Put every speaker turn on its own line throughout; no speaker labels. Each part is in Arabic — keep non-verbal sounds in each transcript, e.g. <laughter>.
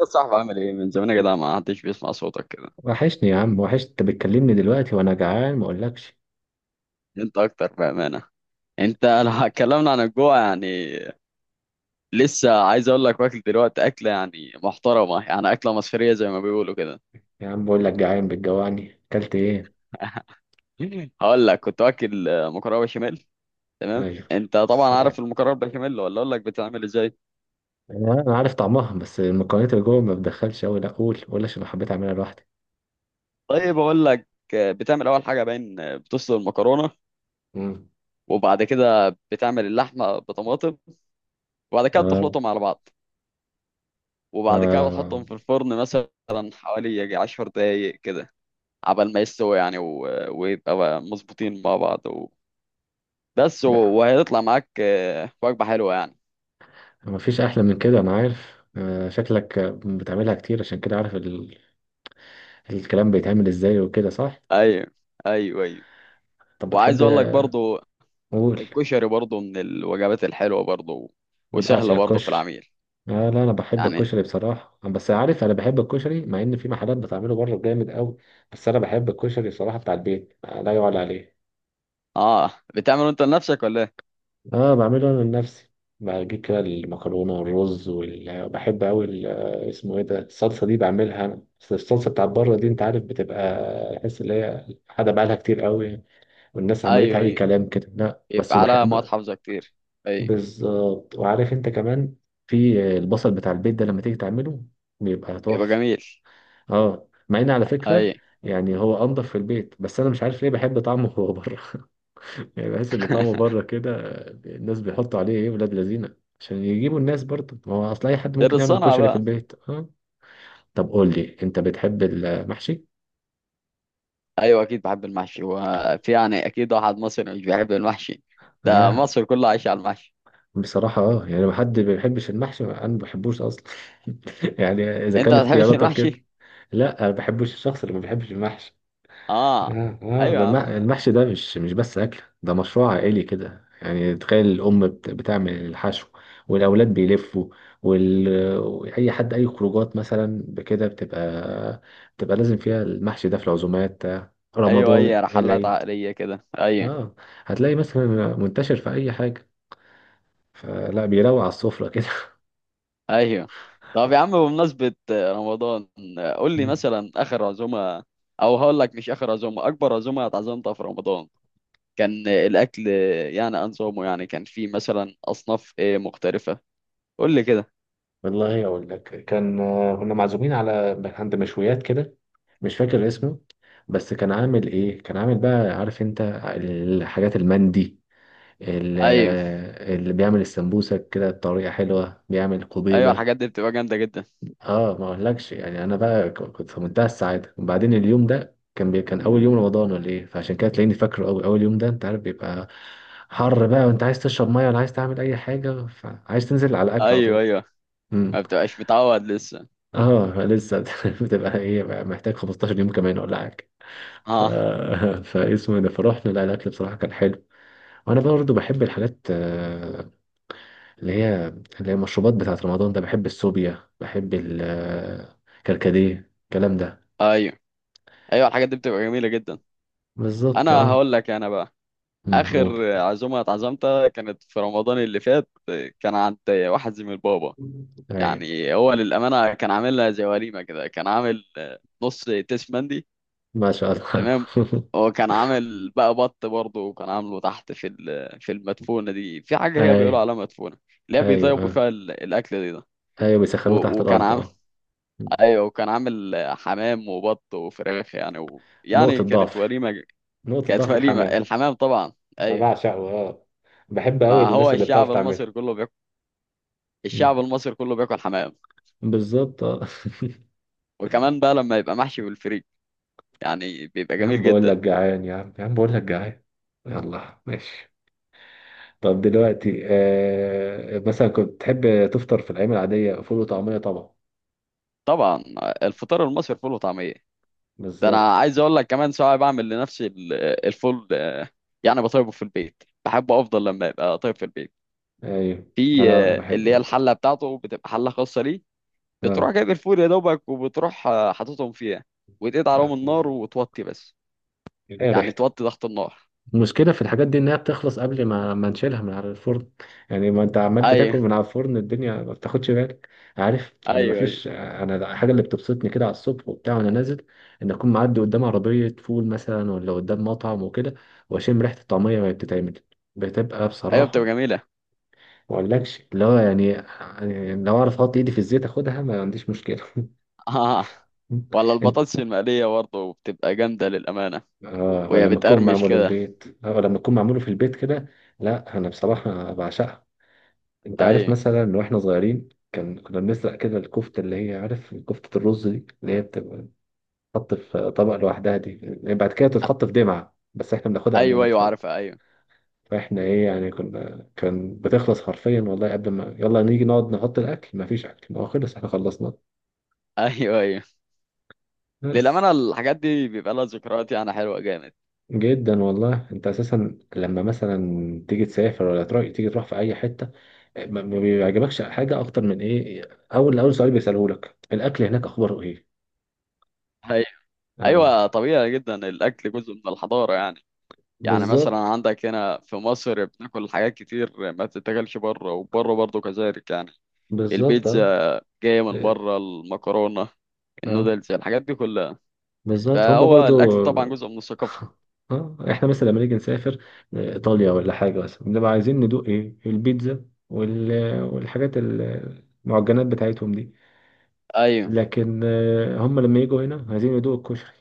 يا صاحبي، عامل ايه من زمان يا جدع؟ ما حدش بيسمع صوتك كده.
وحشني يا عم، وحشت. انت بتكلمني دلوقتي وانا جعان، ما اقولكش.
انت اكتر بامانه. انت <laughs> لو اتكلمنا عن الجوع يعني. لسه عايز اقول لك واكل دلوقتي اكله يعني محترمه، يعني اكله مصريه زي ما بيقولوا كده.
يا عم بقول لك جعان، بتجوعني اكلت ايه؟
<laughs> هقول لك كنت واكل مكرونه بشاميل. تمام.
ايوه.
انت طبعا عارف
سلام.
المكرونه بشاميل ولا اقول لك بتعمل ازاي؟
أنا عارف طعمها، بس المكونات اللي جوه ما بتدخلش قوي. لا قول قول عشان حبيت اعملها لوحدي.
طيب اقول لك. بتعمل اول حاجه باين بتسلق المكرونه.
امم
وبعد كده بتعمل اللحمه بطماطم. وبعد كده
آه.
بتخلطهم على بعض. وبعد كده
آه.
بتحطهم في الفرن مثلا حوالي يجي عشر دقايق كده عبال ما يستوي يعني ويبقى بقى مظبوطين مع بعض بس
لا
وهيطلع معاك وجبة حلوة يعني.
ما فيش احلى من كده. انا عارف آه. شكلك بتعملها كتير، عشان كده عارف الكلام بيتعمل ازاي وكده، صح؟
ايوه ايوه ايوه.
طب
وعايز
بتحب؟
اقول لك برضو
قول.
الكشري برضو من الوجبات الحلوة برضو، وسهلة
بعشق
برضو في
الكشري.
العميل
آه لا انا بحب
يعني.
الكشري بصراحه، بس عارف، انا بحب الكشري مع ان في محلات بتعمله بره جامد قوي. بس انا بحب الكشري بصراحه بتاع البيت، لا يعلى عليه.
اه، بتعمله انت لنفسك ولا ايه؟
اه بعمله انا لنفسي. بجيب كده المكرونه والرز وبحب قوي اسمه ايه ده، الصلصه دي بعملها انا، بس الصلصه بتاعت بره دي انت عارف بتبقى تحس ان هي حاجه بقالها كتير قوي، والناس عملتها
ايوه
اي
ايوه.
كلام كده. لا بس
يبقى على مواد
بحب.
حافظة كتير. ايوه.
بالظبط. وعارف انت كمان، في البصل بتاع البيت ده لما تيجي تعمله بيبقى
بيبقى
تحفه.
جميل.
اه، مع ان على فكره،
ايوه
يعني هو انضف في البيت، بس انا مش عارف ليه بحب طعمه هو بره <laughs> يعني بحس ان طعمه
<laughs>
بره كده. الناس بيحطوا عليه ايه؟ ولاد لذينه عشان يجيبوا الناس برضه، ما هو اصل اي حد
غير
ممكن يعمل
الصنعة
كشري في
بقى.
البيت. اه. طب قول لي انت، بتحب المحشي؟
ايوه اكيد بحب المحشي، وفي يعني اكيد واحد مصري مش بيحب المحشي؟ ده
لا
مصر كلها عايشه على المحشي.
بصراحة اه، يعني ما حد ما بيحبش المحشي، انا ما بحبوش اصلا. <laughs> يعني اذا
انت
كان
ما بتحبش
اختياراتك كده.
المحشي؟
لا انا ما بحبش الشخص اللي ما بيحبش المحشي.
اه.
اه اه،
ايوه
ده
يا عم.
المحشي ده مش بس اكل، ده مشروع عائلي كده. يعني تخيل، الام بتعمل الحشو، والاولاد بيلفوا، وال... اي حد، اي خروجات مثلا بكده بتبقى، بتبقى لازم فيها المحشي ده، في العزومات بتاع
ايوه
رمضان،
اي رحلات
العيد.
عقليه كده ايوه
اه، هتلاقي مثلا منتشر في اي حاجه، فلا بيروق على السفره كده.
ايوه. طب يا عم،
<laughs>
بمناسبه رمضان قول لي
مم.
مثلا اخر عزومه، او هقول لك مش اخر عزومه، اكبر عزومه اتعزمتها في رمضان. كان الاكل، يعني انظمه، يعني كان في مثلا اصناف ايه مختلفه، قول لي كده.
والله اقول لك، كان كنا معزومين على عند مشويات كده، مش فاكر اسمه، بس كان عامل ايه، كان عامل بقى عارف انت، الحاجات المندي، ال-
ايوه
اللي بيعمل السمبوسة كده بطريقة حلوة، بيعمل
ايوه
قبيبة.
الحاجات دي بتبقى جامده جدا.
اه، ما اقولكش يعني، انا بقى كنت في منتهى السعادة، وبعدين اليوم ده كان كان اول يوم رمضان ولا ايه، فعشان كده تلاقيني فاكره قوي اول يوم ده. انت عارف بيبقى حر بقى، وانت عايز تشرب ميه، ولا عايز تعمل اي حاجة، فعايز تنزل على الاكل على
ايوه
طول.
ايوه.
امم.
ما بتبقاش متعود لسه.
اه لسه. <laughs> بتبقى ايه بقى، محتاج 15 يوم كمان ولا حاجة. ف...
اه.
<laughs> فاسمه ده فرحنا. لا الاكل بصراحه كان حلو. وانا برضو بحب الحاجات، اللي هي المشروبات بتاعت رمضان ده. بحب السوبيا، بحب الكركديه، الكلام ده.
ايوه ايوه الحاجات دي بتبقى جميله جدا.
بالظبط،
انا
اه.
هقول لك انا بقى،
أمم، قول.
اخر عزومه اتعزمتها كانت في رمضان اللي فات. كان عند واحد زميل بابا.
ايوه.
يعني هو للامانه كان عاملها زي وليمه كده، كان عامل نص تيس مندي.
ما شاء الله.
تمام. هو كان عامل بقى بط برضه، وكان عامله تحت في في المدفونه دي، في
<laughs>
حاجه هي بيقولوا
ايوه،
عليها مدفونه، اللي هي
ايوه.
بيطيبوا
اه.
فيها الاكل دي ده.
ايوه بيسخنوه تحت
وكان
الارض،
عامل.
اه.
ايوه وكان عامل حمام وبط وفراخ يعني يعني
نقطه
كانت
ضعف،
وليمه.
نقطه
كانت
ضعف
وليمه
الحمام.
الحمام طبعا.
انا
ايوه.
بعشقه، اه. بحب قوي
ما هو
الناس اللي بتعرف
الشعب
تعمله.
المصري كله بياكل.
أمم،
الشعب المصري كله بياكل حمام.
بالظبط، اه. <laughs>
وكمان بقى لما يبقى محشي بالفريك يعني بيبقى
يا عم
جميل
بقول لك
جدا.
جعان، يا عم يا عم بقول لك جعان. يلا ماشي. طب دلوقتي مثلا، كنت تحب تفطر في الأيام العادية؟ فول وطعمية طبعا.
طبعا الفطار المصري فول وطعميه. ده انا
بالظبط.
عايز اقول لك كمان ساعات بعمل لنفسي الفول، يعني بطيبه في البيت، بحبه افضل لما يبقى طيب في البيت.
أيوه.
في
أنا بحب
اللي هي
برضه.
الحله بتاعته بتبقى حله خاصه ليه. بتروح
آه.
جايب الفول يا دوبك، وبتروح حاططهم فيها، وتقعد عليهم النار
آه.
وتوطي بس،
إيه
يعني
ريحته.
توطي ضغط النار.
المشكلة في الحاجات دي إنها بتخلص قبل ما نشيلها من على الفرن. يعني ما أنت عمال بتاكل
ايوه
من على الفرن، الدنيا ما بتاخدش بالك. عارف، أنا ما
ايوه ايوه
فيش، أنا الحاجة اللي بتبسطني كده على الصبح وبتاع وأنا نازل، إن أكون معدي قدام عربية فول مثلا، ولا قدام مطعم وكده، وأشم ريحة الطعمية وهي بتتعمل، بتبقى
ايوه بتبقى
بصراحة،
جميله.
ما أقولكش اللي هو يعني، يعني لو أعرف أحط إيدي في الزيت أخدها ما عنديش مشكلة. <laughs>
<laughs> آه. ولا
أنت،
البطاطس المقليه برضه بتبقى جامده للامانه.
آه ولا
وهي
لما تكون
بتقرمش
معمولة في
كده.
البيت، ولا لما تكون معمولة في البيت كده. لا أنا بصراحة بعشقها. انت عارف
ايوه
مثلا واحنا صغيرين، كان كنا بنسرق كده الكفته، اللي هي عارف، كفته الرز دي اللي هي بتبقى بتتحط في طبق لوحدها دي، يعني بعد كده تتحط في دمعه، بس احنا بناخدها قبل
ايوه
ما
ايوه
تتحط.
عارفه ايوه.
فاحنا ايه يعني، كنا كان بتخلص حرفيا والله، قبل ما يلا نيجي نقعد نحط الاكل مفيش اكل، ما هو خلص احنا خلصنا.
<laughs> ايوه ايوه.
بس.
للامانه الحاجات دي بيبقى لها ذكريات يعني حلوه جامد.
جدا والله. انت اساسا لما مثلا تيجي تسافر، ولا تروح، تيجي تروح في اي حته، ما بيعجبكش حاجه اكتر من ايه، اول اول سؤال بيسالهولك الاكل هناك اخباره ايه.
ايوه
اه.
ايوه طبيعي جدا، الاكل جزء من الحضاره يعني. يعني مثلا
بالظبط.
عندك هنا في مصر بناكل حاجات كتير ما بتتاكلش بره، وبره برضه كذلك يعني.
بالظبط، اه.
البيتزا جايه من
إيه،
بره، المكرونه،
اه.
النودلز، الحاجات دي كلها.
بالظبط هم
فهو
برضو.
الاكل طبعا جزء
<laughs>
من الثقافه.
اه احنا مثلا لما نيجي نسافر ايطاليا ولا حاجه مثلا، بنبقى عايزين ندوق ايه، البيتزا وال... والحاجات المعجنات بتاعتهم دي.
ايوه
لكن هم لما يجوا هنا عايزين يدوقوا الكشري.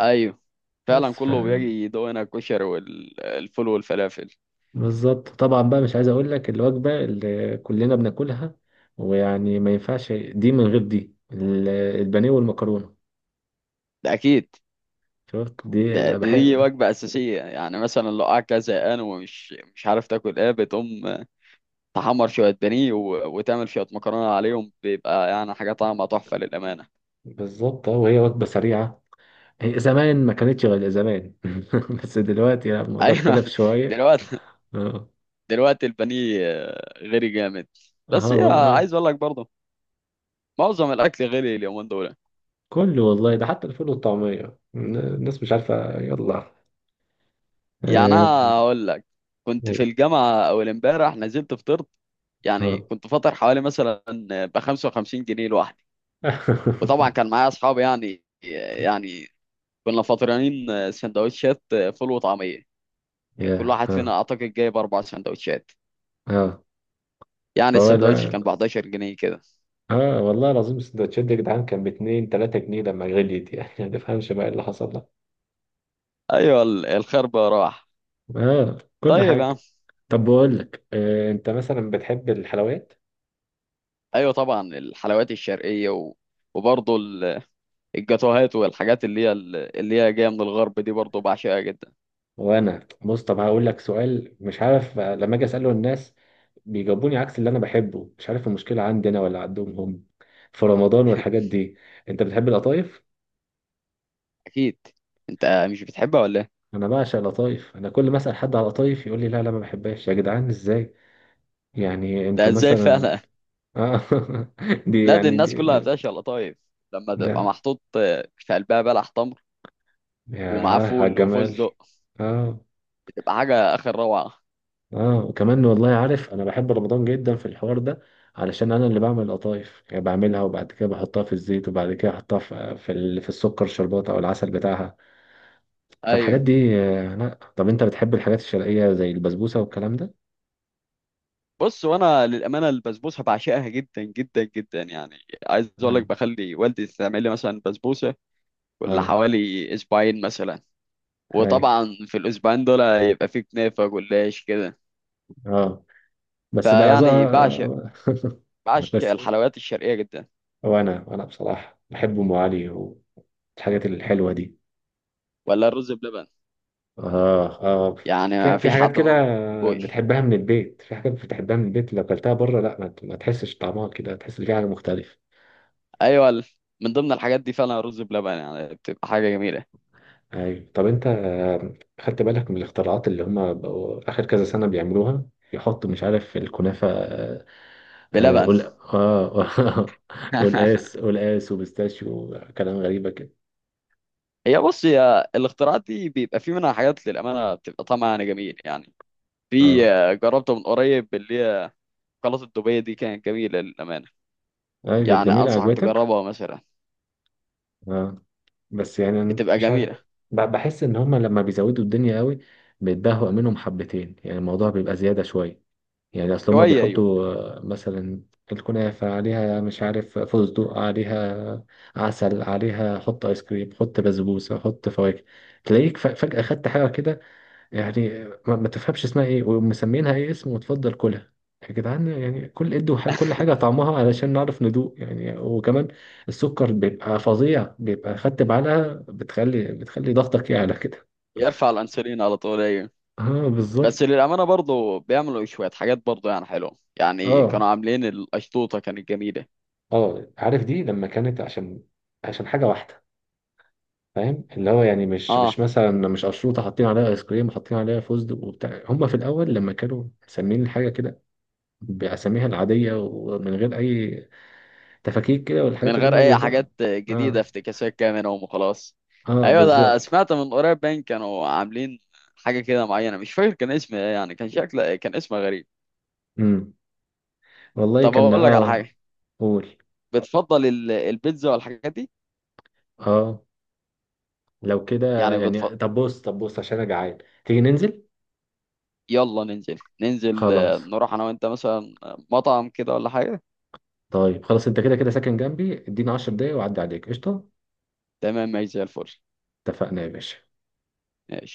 ايوه فعلا
بس ف،
كله بيجي يدوقنا الكشري والفول والفلافل.
بالظبط طبعا بقى. مش عايز اقول لك الوجبه اللي كلنا بناكلها، ويعني ما ينفعش دي من غير دي، البانيه والمكرونه.
ده اكيد.
شفت؟ دي
ده دي
بحب.
وجبه اساسيه يعني، مثلا لو قاعد كده زهقان ومش مش عارف تاكل ايه، بتقوم تحمر شويه بانيه وتعمل شويه مكرونه عليهم، بيبقى يعني حاجه طعمها تحفه للامانه.
بالظبط اه، وهي وجبة سريعة. هي زمان ما كانتش غير زمان، <laughs> بس دلوقتي لا
<laughs>
الموضوع
ايوه.
اختلف شوية.
دلوقتي.
اه
دلوقتي البانيه غير جامد. بس
اه
هي
والله.
عايز اقول لك برضه، معظم الاكل غالي اليومين دول.
كله والله، ده حتى الفول والطعمية، الناس مش عارفة يلا.
يعني انا
اه.
هقول لك، كنت في الجامعه اول امبارح نزلت فطرت، يعني
اه.
كنت فاطر حوالي مثلا ب 55 جنيه لوحدي. وطبعا
<laughs>
كان معايا اصحابي يعني، يعني كنا فاطرين سندوتشات فول وطعميه. كان كل
يا
واحد فينا
اه.
اعتقد جايب اربع سندوتشات.
اه.
يعني السندوتش
فولا.
كان ب 11 جنيه كده.
اه والله العظيم، السندوتشات دي يا جدعان كان باتنين تلاتة جنيه، لما غليت يعني، <laughs> ما تفهمش بقى إيه اللي حصل ده.
ايوه الخربة راح.
اه، كل
طيب يا عم.
حاجة. طب بقول لك انت مثلا بتحب الحلويات؟
ايوه طبعا الحلويات الشرقيه، وبرضه الجاتوهات والحاجات اللي هي اللي هي جايه من الغرب دي، برضه بعشقها جدا.
وانا بص، طب هقول لك سؤال مش عارف، لما اجي اساله الناس بيجاوبوني عكس اللي انا بحبه، مش عارف المشكله عندي انا ولا عندهم هم، في رمضان والحاجات دي. انت بتحب القطايف؟
اكيد. انت مش بتحبها ولا ايه؟
انا بعشق القطايف، انا كل ما اسال حد على القطايف يقول لي لا لا ما بحبهاش. يا جدعان ازاي يعني،
ده
انتوا
ازاي
مثلا؟
فعلا؟
آه <laughs> دي
لا دي
يعني
الناس
دي,
كلها
دي
بتعشق القطايف، لما تبقى
ده،
محطوط في قلبها بلح تمر، ومعاه
ياه على
فول
الجمال.
وفستق،
اه
بتبقى حاجه اخر روعه.
اه، وكمان والله، عارف انا بحب رمضان جدا في الحوار ده، علشان انا اللي بعمل القطايف، يعني بعملها وبعد كده بحطها في الزيت، وبعد كده احطها في في السكر شربات او العسل بتاعها. فالحاجات
ايوه.
دي، لا طب انت بتحب الحاجات الشرقية زي البسبوسة والكلام ده؟
بص، وانا للامانه البسبوسه بعشقها جدا جدا جدا يعني. عايز اقول
اه.
لك بخلي والدي تعمل لي مثلا بسبوسه كل
اه.
حوالي اسبوعين مثلا.
هاي.
وطبعا في الاسبوعين دول يبقى في كنافه جلاش كده.
اه. بس بقى
فيعني بعشق، بعشق
بس،
الحلويات الشرقيه جدا.
وانا بصراحة بحب ام علي والحاجات الحلوة دي.
ولا الرز بلبن،
اه اه.
يعني
في
ما
في
فيش حد
حاجات كده
برضه ما بيحبوش.
بتحبها من البيت، في حاجات بتحبها من البيت لو اكلتها بره لا ما ما تحسش طعمها كده، تحس ان في حاجه مختلفه.
ايوه من ضمن الحاجات دي فعلا رز بلبن، يعني بتبقى حاجه جميله.
ايوه. طب انت خدت بالك من الاختراعات اللي هم بقوا اخر كذا سنه بيعملوها؟ يحطوا مش عارف الكنافه
بلبن.
قول. اه <laughs>
<laughs>
قلقاس، قلقاس وبيستاشيو، كلام غريبه كده.
هي بص، هي الاختراعات دي بيبقى في منها حاجات للامانه بتبقى طعمها يعني جميل يعني. في
اه.
جربته من قريب اللي هي شوكولاته دبي دي، كانت جميله للامانه.
ايوه
يعني
جميله،
انصحك
عجبتك؟
تجربها مثلا.
اه، بس يعني أنا
بتبقى
مش عارف،
جميله.
بحس ان هما لما بيزودوا الدنيا قوي بيتبهوا منهم حبتين، يعني الموضوع بيبقى زيادة شوية. يعني اصل هما
شويه ايوه.
بيحطوا، مثلا الكنافة عليها مش عارف، فستق عليها، عسل عليها، حط ايس كريم، حط بسبوسة، حط فواكه، تلاقيك فجأة خدت حاجة كده، يعني ما تفهمش اسمها ايه ومسمينها ايه اسم، وتفضل كلها. يا جدعان يعني، كل ادوا كل حاجه
<laughs>
طعمها علشان نعرف ندوق يعني، وكمان السكر بيبقى فظيع، بيبقى خدت بعلقه بتخلي ضغطك يعلى كده.
يرفع الانسولين على طول ايوه.
<laughs> اه
بس
بالظبط.
للامانه برضه بيعملوا شويه حاجات برضه يعني حلوه، يعني كانوا
اه
عاملين القشطوطه كانت جميله.
اه، عارف دي لما كانت عشان حاجه واحده، فاهم اللي هو يعني مش
اه.
مثلا، مش اشروطه حاطين عليها ايس كريم، حاطين عليها فستق وبتاع. هم في الاول لما كانوا مسمين الحاجه كده بأساميها العادية، ومن غير أي تفاكيك كده
من
والحاجات اللي
غير
هما
اي
بيهدروا.
حاجات جديده
اه.
افتكاسات كده منهم وخلاص.
اه
ايوه. ده
بالظبط.
سمعت من قريب باين كانوا عاملين حاجه كده معينه، مش فاكر كان اسم ايه، يعني كان شكل كان اسمها غريب.
امم، والله
طب
كان
هقول لك على
اه.
حاجه.
قول.
بتفضل البيتزا والحاجات دي؟
اه، لو كده
يعني بتفضل.
يعني. طب بص، طب بص عشان انا جعان، تيجي ننزل؟
يلا ننزل ننزل،
خلاص.
نروح انا وانت مثلا مطعم كده ولا حاجه.
طيب خلاص، انت كده كده ساكن جنبي، اديني 10 دقايق واعدي عليك قشطة.
تمام ماشي زي الفل.
اتفقنا يا باشا.
ماشي.